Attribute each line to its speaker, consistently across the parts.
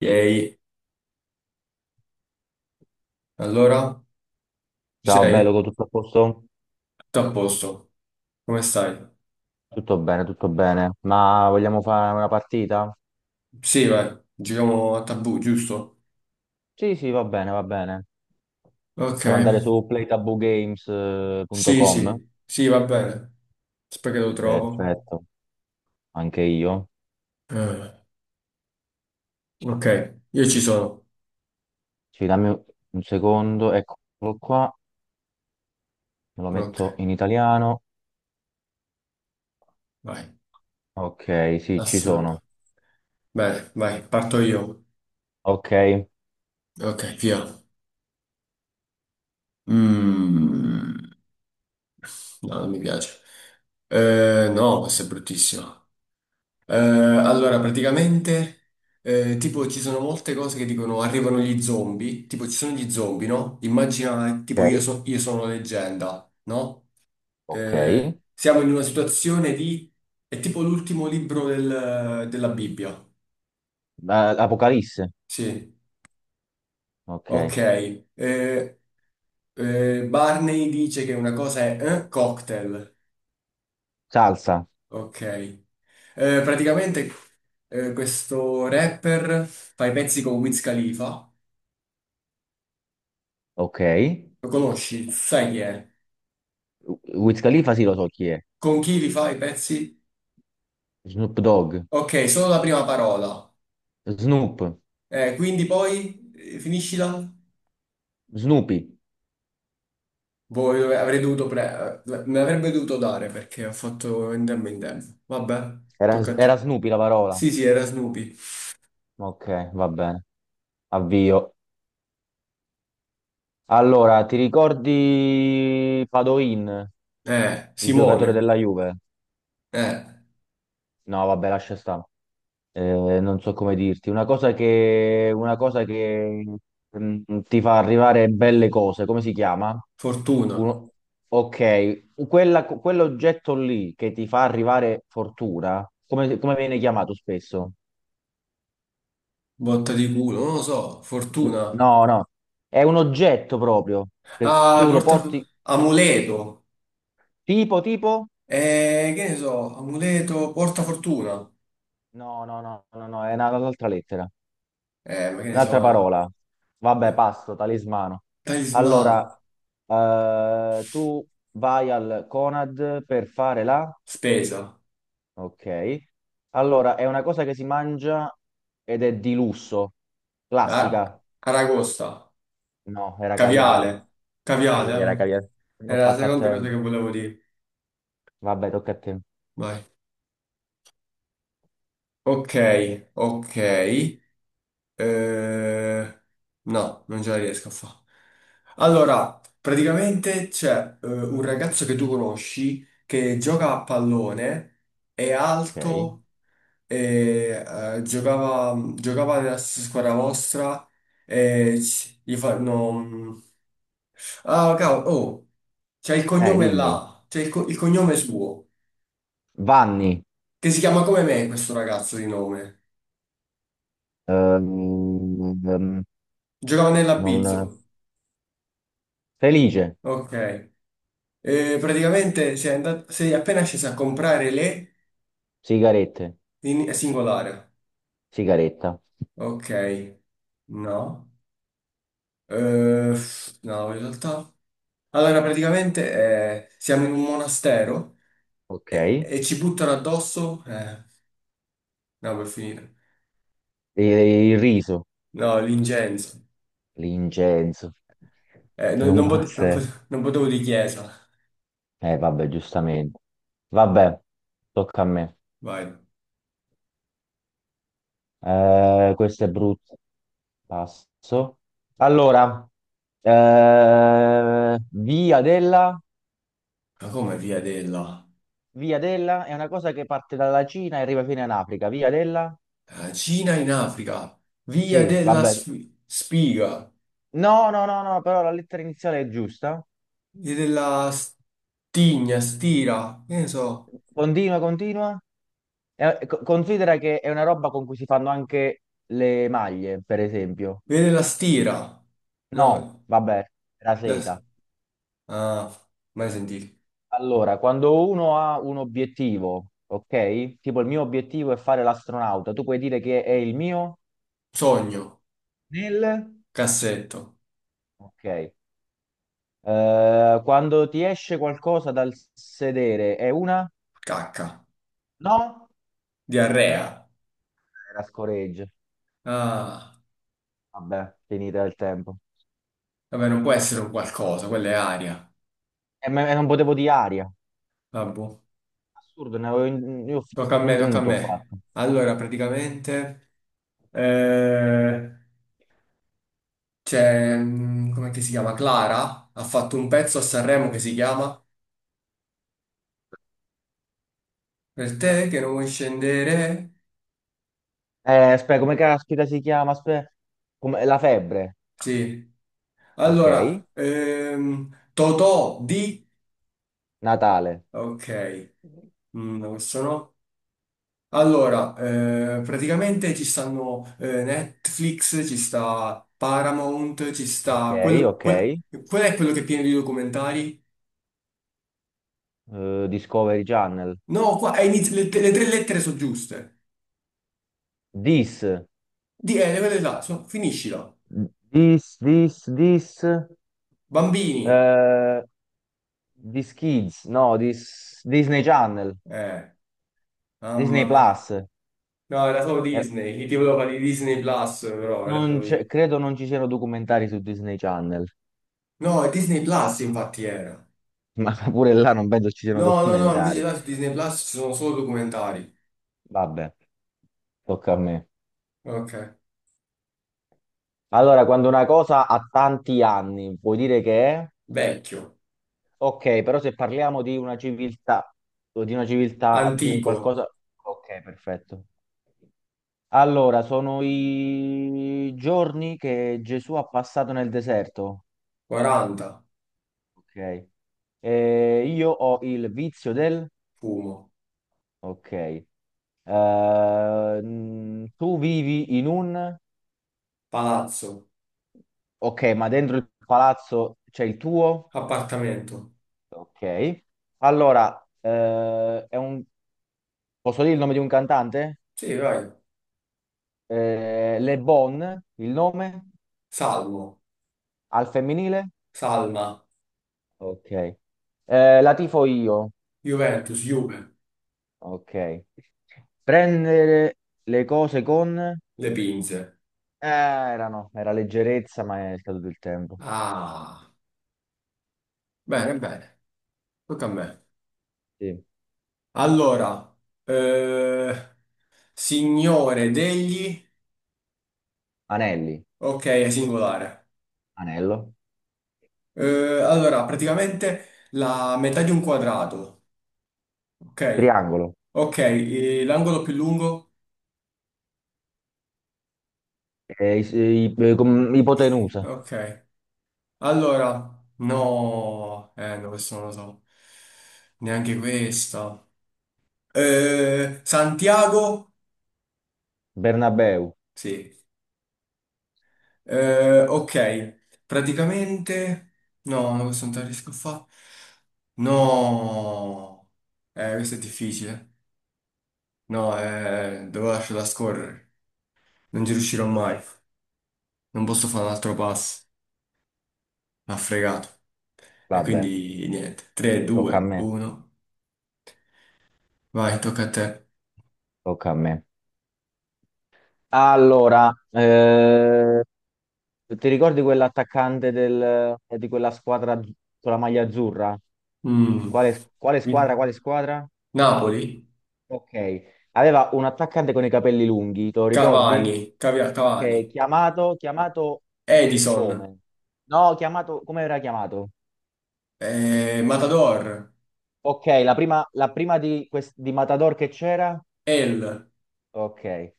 Speaker 1: Ehi, allora, ci
Speaker 2: Ciao, bello,
Speaker 1: sei?
Speaker 2: tutto a posto?
Speaker 1: Tutto a posto? Come stai?
Speaker 2: Tutto bene, tutto bene. Ma vogliamo fare una partita?
Speaker 1: Sì, vai, giriamo a tabù, giusto?
Speaker 2: Sì, sì, va bene, va bene.
Speaker 1: Ok,
Speaker 2: Possiamo andare su
Speaker 1: sì,
Speaker 2: playtaboogames.com.
Speaker 1: sì, sì, va bene. Aspetta che lo trovo.
Speaker 2: Perfetto, anche io.
Speaker 1: Eh, ok, io ci sono.
Speaker 2: Sì, dammi un secondo, eccolo qua. Me lo
Speaker 1: Ok,
Speaker 2: metto in italiano.
Speaker 1: vai,
Speaker 2: Ok, sì, ci
Speaker 1: assurdo.
Speaker 2: sono.
Speaker 1: Bene, vai, parto io.
Speaker 2: Ok,
Speaker 1: Ok, via. Mm, no, non mi piace. No, questa è bruttissima. Allora, praticamente, tipo, ci sono molte cose che dicono arrivano gli zombie, tipo, ci sono gli zombie, no? Immagina, tipo, io,
Speaker 2: ok,
Speaker 1: io sono leggenda, no?
Speaker 2: ok.
Speaker 1: Siamo in una situazione di, è tipo l'ultimo libro della Bibbia.
Speaker 2: Apocalisse.
Speaker 1: Sì, ok.
Speaker 2: Ok.
Speaker 1: Eh, Barney dice che una cosa è cocktail.
Speaker 2: Salsa.
Speaker 1: Ok. Praticamente, questo rapper fa i pezzi con Wiz Khalifa.
Speaker 2: Ok.
Speaker 1: Lo conosci? Sai chi è?
Speaker 2: Wiz Khalifa, sì, lo so chi è.
Speaker 1: Con chi li fai i pezzi?
Speaker 2: Snoop Dogg.
Speaker 1: Ok, solo la prima parola.
Speaker 2: Snoop.
Speaker 1: Quindi poi finiscila?
Speaker 2: Snoopy.
Speaker 1: Avrei dovuto me l'avrebbe dovuto dare perché ho fatto in tempo. Vabbè,
Speaker 2: Era,
Speaker 1: tocca a
Speaker 2: era
Speaker 1: te.
Speaker 2: Snoopy la parola.
Speaker 1: Sì, sì, era Snoopy.
Speaker 2: Ok, va bene. Avvio. Allora, ti ricordi Padoin, il giocatore
Speaker 1: Simone.
Speaker 2: della Juve?
Speaker 1: Eh,
Speaker 2: No, vabbè, lascia stare. Non so come dirti. Una cosa che mm, ti fa arrivare belle cose. Come si chiama?
Speaker 1: Fortuna.
Speaker 2: Uno- Ok, quella- quell'oggetto lì che ti fa arrivare fortuna, come, come viene chiamato spesso?
Speaker 1: Botta di culo, non lo so. Fortuna.
Speaker 2: No, no, è un oggetto proprio, che
Speaker 1: Ah,
Speaker 2: tu lo
Speaker 1: porta.
Speaker 2: porti.
Speaker 1: Amuleto.
Speaker 2: Tipo, tipo?
Speaker 1: Che ne so, amuleto, porta fortuna.
Speaker 2: No, no, no, no, no, è una- un'altra lettera,
Speaker 1: Ma che ne
Speaker 2: un'altra
Speaker 1: so.
Speaker 2: parola. Vabbè,
Speaker 1: Eh,
Speaker 2: passo, talismano. Allora,
Speaker 1: talismano.
Speaker 2: tu vai al Conad per fare la...
Speaker 1: Spesa,
Speaker 2: Ok. Allora, è una cosa che si mangia ed è di lusso.
Speaker 1: a-
Speaker 2: Classica.
Speaker 1: aragosta,
Speaker 2: No, era caviale.
Speaker 1: caviale,
Speaker 2: Sì,
Speaker 1: caviale,
Speaker 2: era
Speaker 1: eh.
Speaker 2: caviale. Non ho
Speaker 1: Era la
Speaker 2: fatto a
Speaker 1: seconda cosa che
Speaker 2: tempo.
Speaker 1: volevo dire.
Speaker 2: Vabbè, tocca a te.
Speaker 1: Vai. Ok, ok, eh, no, non ce la riesco a fare. Allora, praticamente c'è un ragazzo che tu conosci che gioca a pallone, è
Speaker 2: Ok.
Speaker 1: alto, e, giocava nella stessa squadra vostra e gli fanno. Ah, cavolo, oh, c'è il cognome
Speaker 2: Dimmi.
Speaker 1: là, il cognome suo,
Speaker 2: Vanni.
Speaker 1: che si chiama come me questo ragazzo di nome.
Speaker 2: Ehm, ehm,
Speaker 1: Giocava
Speaker 2: Non...
Speaker 1: nell'Abizzo.
Speaker 2: Felice.
Speaker 1: Ok. Praticamente sei appena sceso a comprare le
Speaker 2: Sigarette,
Speaker 1: in singolare.
Speaker 2: sigaretta,
Speaker 1: Ok. No. No, in realtà. Allora, praticamente siamo in un monastero
Speaker 2: ok.
Speaker 1: e, e ci buttano addosso. No, per finire.
Speaker 2: E il riso,
Speaker 1: No, l'incenso.
Speaker 2: l'incenso,
Speaker 1: Non,
Speaker 2: non
Speaker 1: non
Speaker 2: può
Speaker 1: pot- non
Speaker 2: essere.
Speaker 1: pot- non potevo di chiesa.
Speaker 2: Vabbè, giustamente. Vabbè, tocca a me.
Speaker 1: Vai.
Speaker 2: Questo è brutto. Passo. Allora, eh, via della,
Speaker 1: Ma come via della?
Speaker 2: via della è una cosa che parte dalla Cina e arriva fino in Africa. Via della?
Speaker 1: La Cina in Africa? Via
Speaker 2: Sì,
Speaker 1: della
Speaker 2: vabbè.
Speaker 1: spiga?
Speaker 2: No, no, no, no, però la lettera iniziale è giusta.
Speaker 1: Via della stigna, stira? Che ne so?
Speaker 2: Continua, continua. È- co- considera che è una roba con cui si fanno anche le maglie, per esempio.
Speaker 1: Via della stira?
Speaker 2: No,
Speaker 1: No,
Speaker 2: vabbè, la
Speaker 1: la-
Speaker 2: seta.
Speaker 1: ah, mai sentito.
Speaker 2: Allora, quando uno ha un obiettivo, ok? Tipo il mio obiettivo è fare l'astronauta, tu puoi dire che è il mio
Speaker 1: Sogno,
Speaker 2: nel...
Speaker 1: cassetto,
Speaker 2: Ok. Quando ti esce qualcosa dal sedere, è una?
Speaker 1: cacca,
Speaker 2: No?
Speaker 1: diarrea.
Speaker 2: Era scoreggia.
Speaker 1: Ah,
Speaker 2: Vabbè, finita il tempo.
Speaker 1: vabbè, non può essere un qualcosa, quella è aria.
Speaker 2: E, me- e non potevo di aria.
Speaker 1: Vabbè,
Speaker 2: Assurdo, ne avevo in- io f-
Speaker 1: tocca a
Speaker 2: un
Speaker 1: me, tocca a
Speaker 2: punto ho
Speaker 1: me.
Speaker 2: fatto.
Speaker 1: Allora, praticamente, eh, c'è, com'è che si chiama? Clara ha fatto un pezzo a Sanremo che si chiama Per te che non vuoi scendere.
Speaker 2: Aspetta, come caspita si chiama? Aspetta, come- la febbre,
Speaker 1: Sì.
Speaker 2: ok.
Speaker 1: Allora, Totò di.
Speaker 2: Natale,
Speaker 1: Ok. No, questo no. Allora, praticamente ci stanno Netflix, ci sta Paramount, ci
Speaker 2: ok,
Speaker 1: sta.
Speaker 2: ok.
Speaker 1: Qual è quello che è pieno di documentari?
Speaker 2: Discovery Channel.
Speaker 1: No, qua è le tre lettere sono giuste.
Speaker 2: This,
Speaker 1: Le quelle là, finiscila.
Speaker 2: this, this, this.
Speaker 1: Bambini.
Speaker 2: eh, This Kids, no, this, Disney Channel,
Speaker 1: Eh.
Speaker 2: Disney
Speaker 1: Mamma mia.
Speaker 2: Plus.
Speaker 1: No, era solo
Speaker 2: Eh,
Speaker 1: Disney, gli ti volevo fare di Disney Plus, però era
Speaker 2: non
Speaker 1: solo.
Speaker 2: c'è- credo non ci siano documentari su Disney Channel,
Speaker 1: No, è Disney Plus infatti era.
Speaker 2: ma pure là non penso ci siano
Speaker 1: No, no, no, invece
Speaker 2: documentari.
Speaker 1: là su Disney Plus ci sono solo documentari.
Speaker 2: Vabbè, tocca a me.
Speaker 1: Ok.
Speaker 2: Allora, quando una cosa ha tanti anni, vuoi dire che è?
Speaker 1: Vecchio,
Speaker 2: Ok, però se parliamo di una civiltà, o di una civiltà, di un
Speaker 1: antico,
Speaker 2: qualcosa... Ok, perfetto. Allora, sono i giorni che Gesù ha passato nel deserto.
Speaker 1: 40,
Speaker 2: Ok. Io ho il vizio del...
Speaker 1: fumo,
Speaker 2: Ok. Tu vivi in un...
Speaker 1: palazzo,
Speaker 2: Ok, ma dentro il palazzo c'è il tuo?
Speaker 1: appartamento.
Speaker 2: Ok. Allora, è un posso dire il nome di un cantante?
Speaker 1: Sì, vai.
Speaker 2: Le Bon, il nome?
Speaker 1: Salmo,
Speaker 2: Al femminile?
Speaker 1: Salma,
Speaker 2: Ok. La tifo io.
Speaker 1: Juventus, Juve,
Speaker 2: Ok. Prendere le cose con...
Speaker 1: Le Pinze.
Speaker 2: erano, era leggerezza, ma è scaduto il tempo.
Speaker 1: Ah, bene, bene, tocca a me.
Speaker 2: Sì.
Speaker 1: Allora, eh, signore degli.
Speaker 2: Anelli,
Speaker 1: Ok, è singolare.
Speaker 2: anello,
Speaker 1: Allora, praticamente la metà di un quadrato, ok?
Speaker 2: triangolo,
Speaker 1: Ok, l'angolo più lungo,
Speaker 2: com-
Speaker 1: eh,
Speaker 2: ipotenusa.
Speaker 1: ok. Allora, no, no, questo non lo so, neanche questa. Santiago,
Speaker 2: Bernabeu.
Speaker 1: sì. Ok, praticamente, no, no, questo non te la riesco a fare. No, questo è difficile. No, devo lasciarla scorrere, non ci riuscirò mai. Non posso fare un altro passo. M'ha fregato. E
Speaker 2: Vabbè,
Speaker 1: quindi niente. 3,
Speaker 2: tocca a
Speaker 1: 2,
Speaker 2: me,
Speaker 1: 1. Vai, tocca a te.
Speaker 2: tocca a me. Allora, ti ricordi quell'attaccante del- di quella squadra az- con la maglia azzurra?
Speaker 1: Mm.
Speaker 2: Quale, quale
Speaker 1: Mi-
Speaker 2: squadra? Quale squadra?
Speaker 1: Napoli.
Speaker 2: Ok. Aveva un attaccante con i capelli lunghi, te lo ricordi?
Speaker 1: Cavani. Cavani.
Speaker 2: Ok, chiamato, chiamato
Speaker 1: Edison.
Speaker 2: come? No, chiamato, come era chiamato?
Speaker 1: Eh, Matador.
Speaker 2: Ok, la prima di, quest- di Matador che c'era?
Speaker 1: El.
Speaker 2: Ok.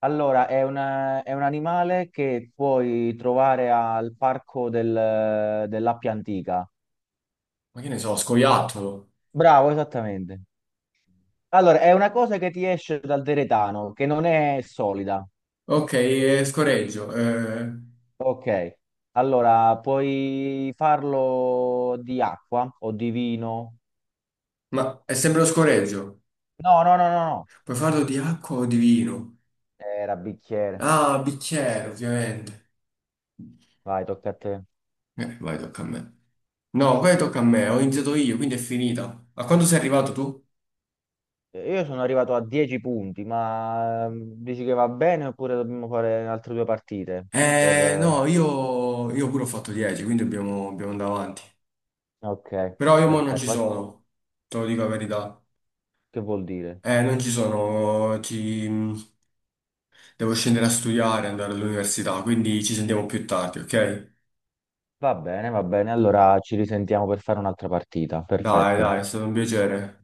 Speaker 2: Allora, è una- è un animale che puoi trovare al parco del- dell'Appia Antica.
Speaker 1: Ma che ne so, Scoiattolo.
Speaker 2: Bravo, esattamente. Allora, è una cosa che ti esce dal deretano, che non è solida.
Speaker 1: Ok, scoreggio.
Speaker 2: Ok. Allora, puoi farlo di acqua o di vino?
Speaker 1: Ma è sempre lo scoreggio.
Speaker 2: No, no, no, no, no.
Speaker 1: Puoi farlo di acqua o di vino?
Speaker 2: Era bicchiere.
Speaker 1: Ah, bicchiere, ovviamente.
Speaker 2: Vai, tocca a te.
Speaker 1: Vai, tocca a me. No, poi tocca a me. Ho iniziato io, quindi è finita. A quando sei arrivato tu?
Speaker 2: Io sono arrivato a 10 punti, ma dici che va bene oppure dobbiamo fare altre due partite? Per...
Speaker 1: No, io pure ho fatto 10, quindi dobbiamo andare avanti.
Speaker 2: ok,
Speaker 1: Però io mo non
Speaker 2: perfetto.
Speaker 1: ci
Speaker 2: Ma
Speaker 1: sono, te lo dico la verità.
Speaker 2: che vuol dire?
Speaker 1: Non ci sono, devo scendere a studiare, andare all'università, quindi ci sentiamo più tardi, ok?
Speaker 2: Va bene, va bene. Allora ci risentiamo per fare un'altra partita.
Speaker 1: Dai,
Speaker 2: Perfetto.
Speaker 1: dai, è stato un piacere.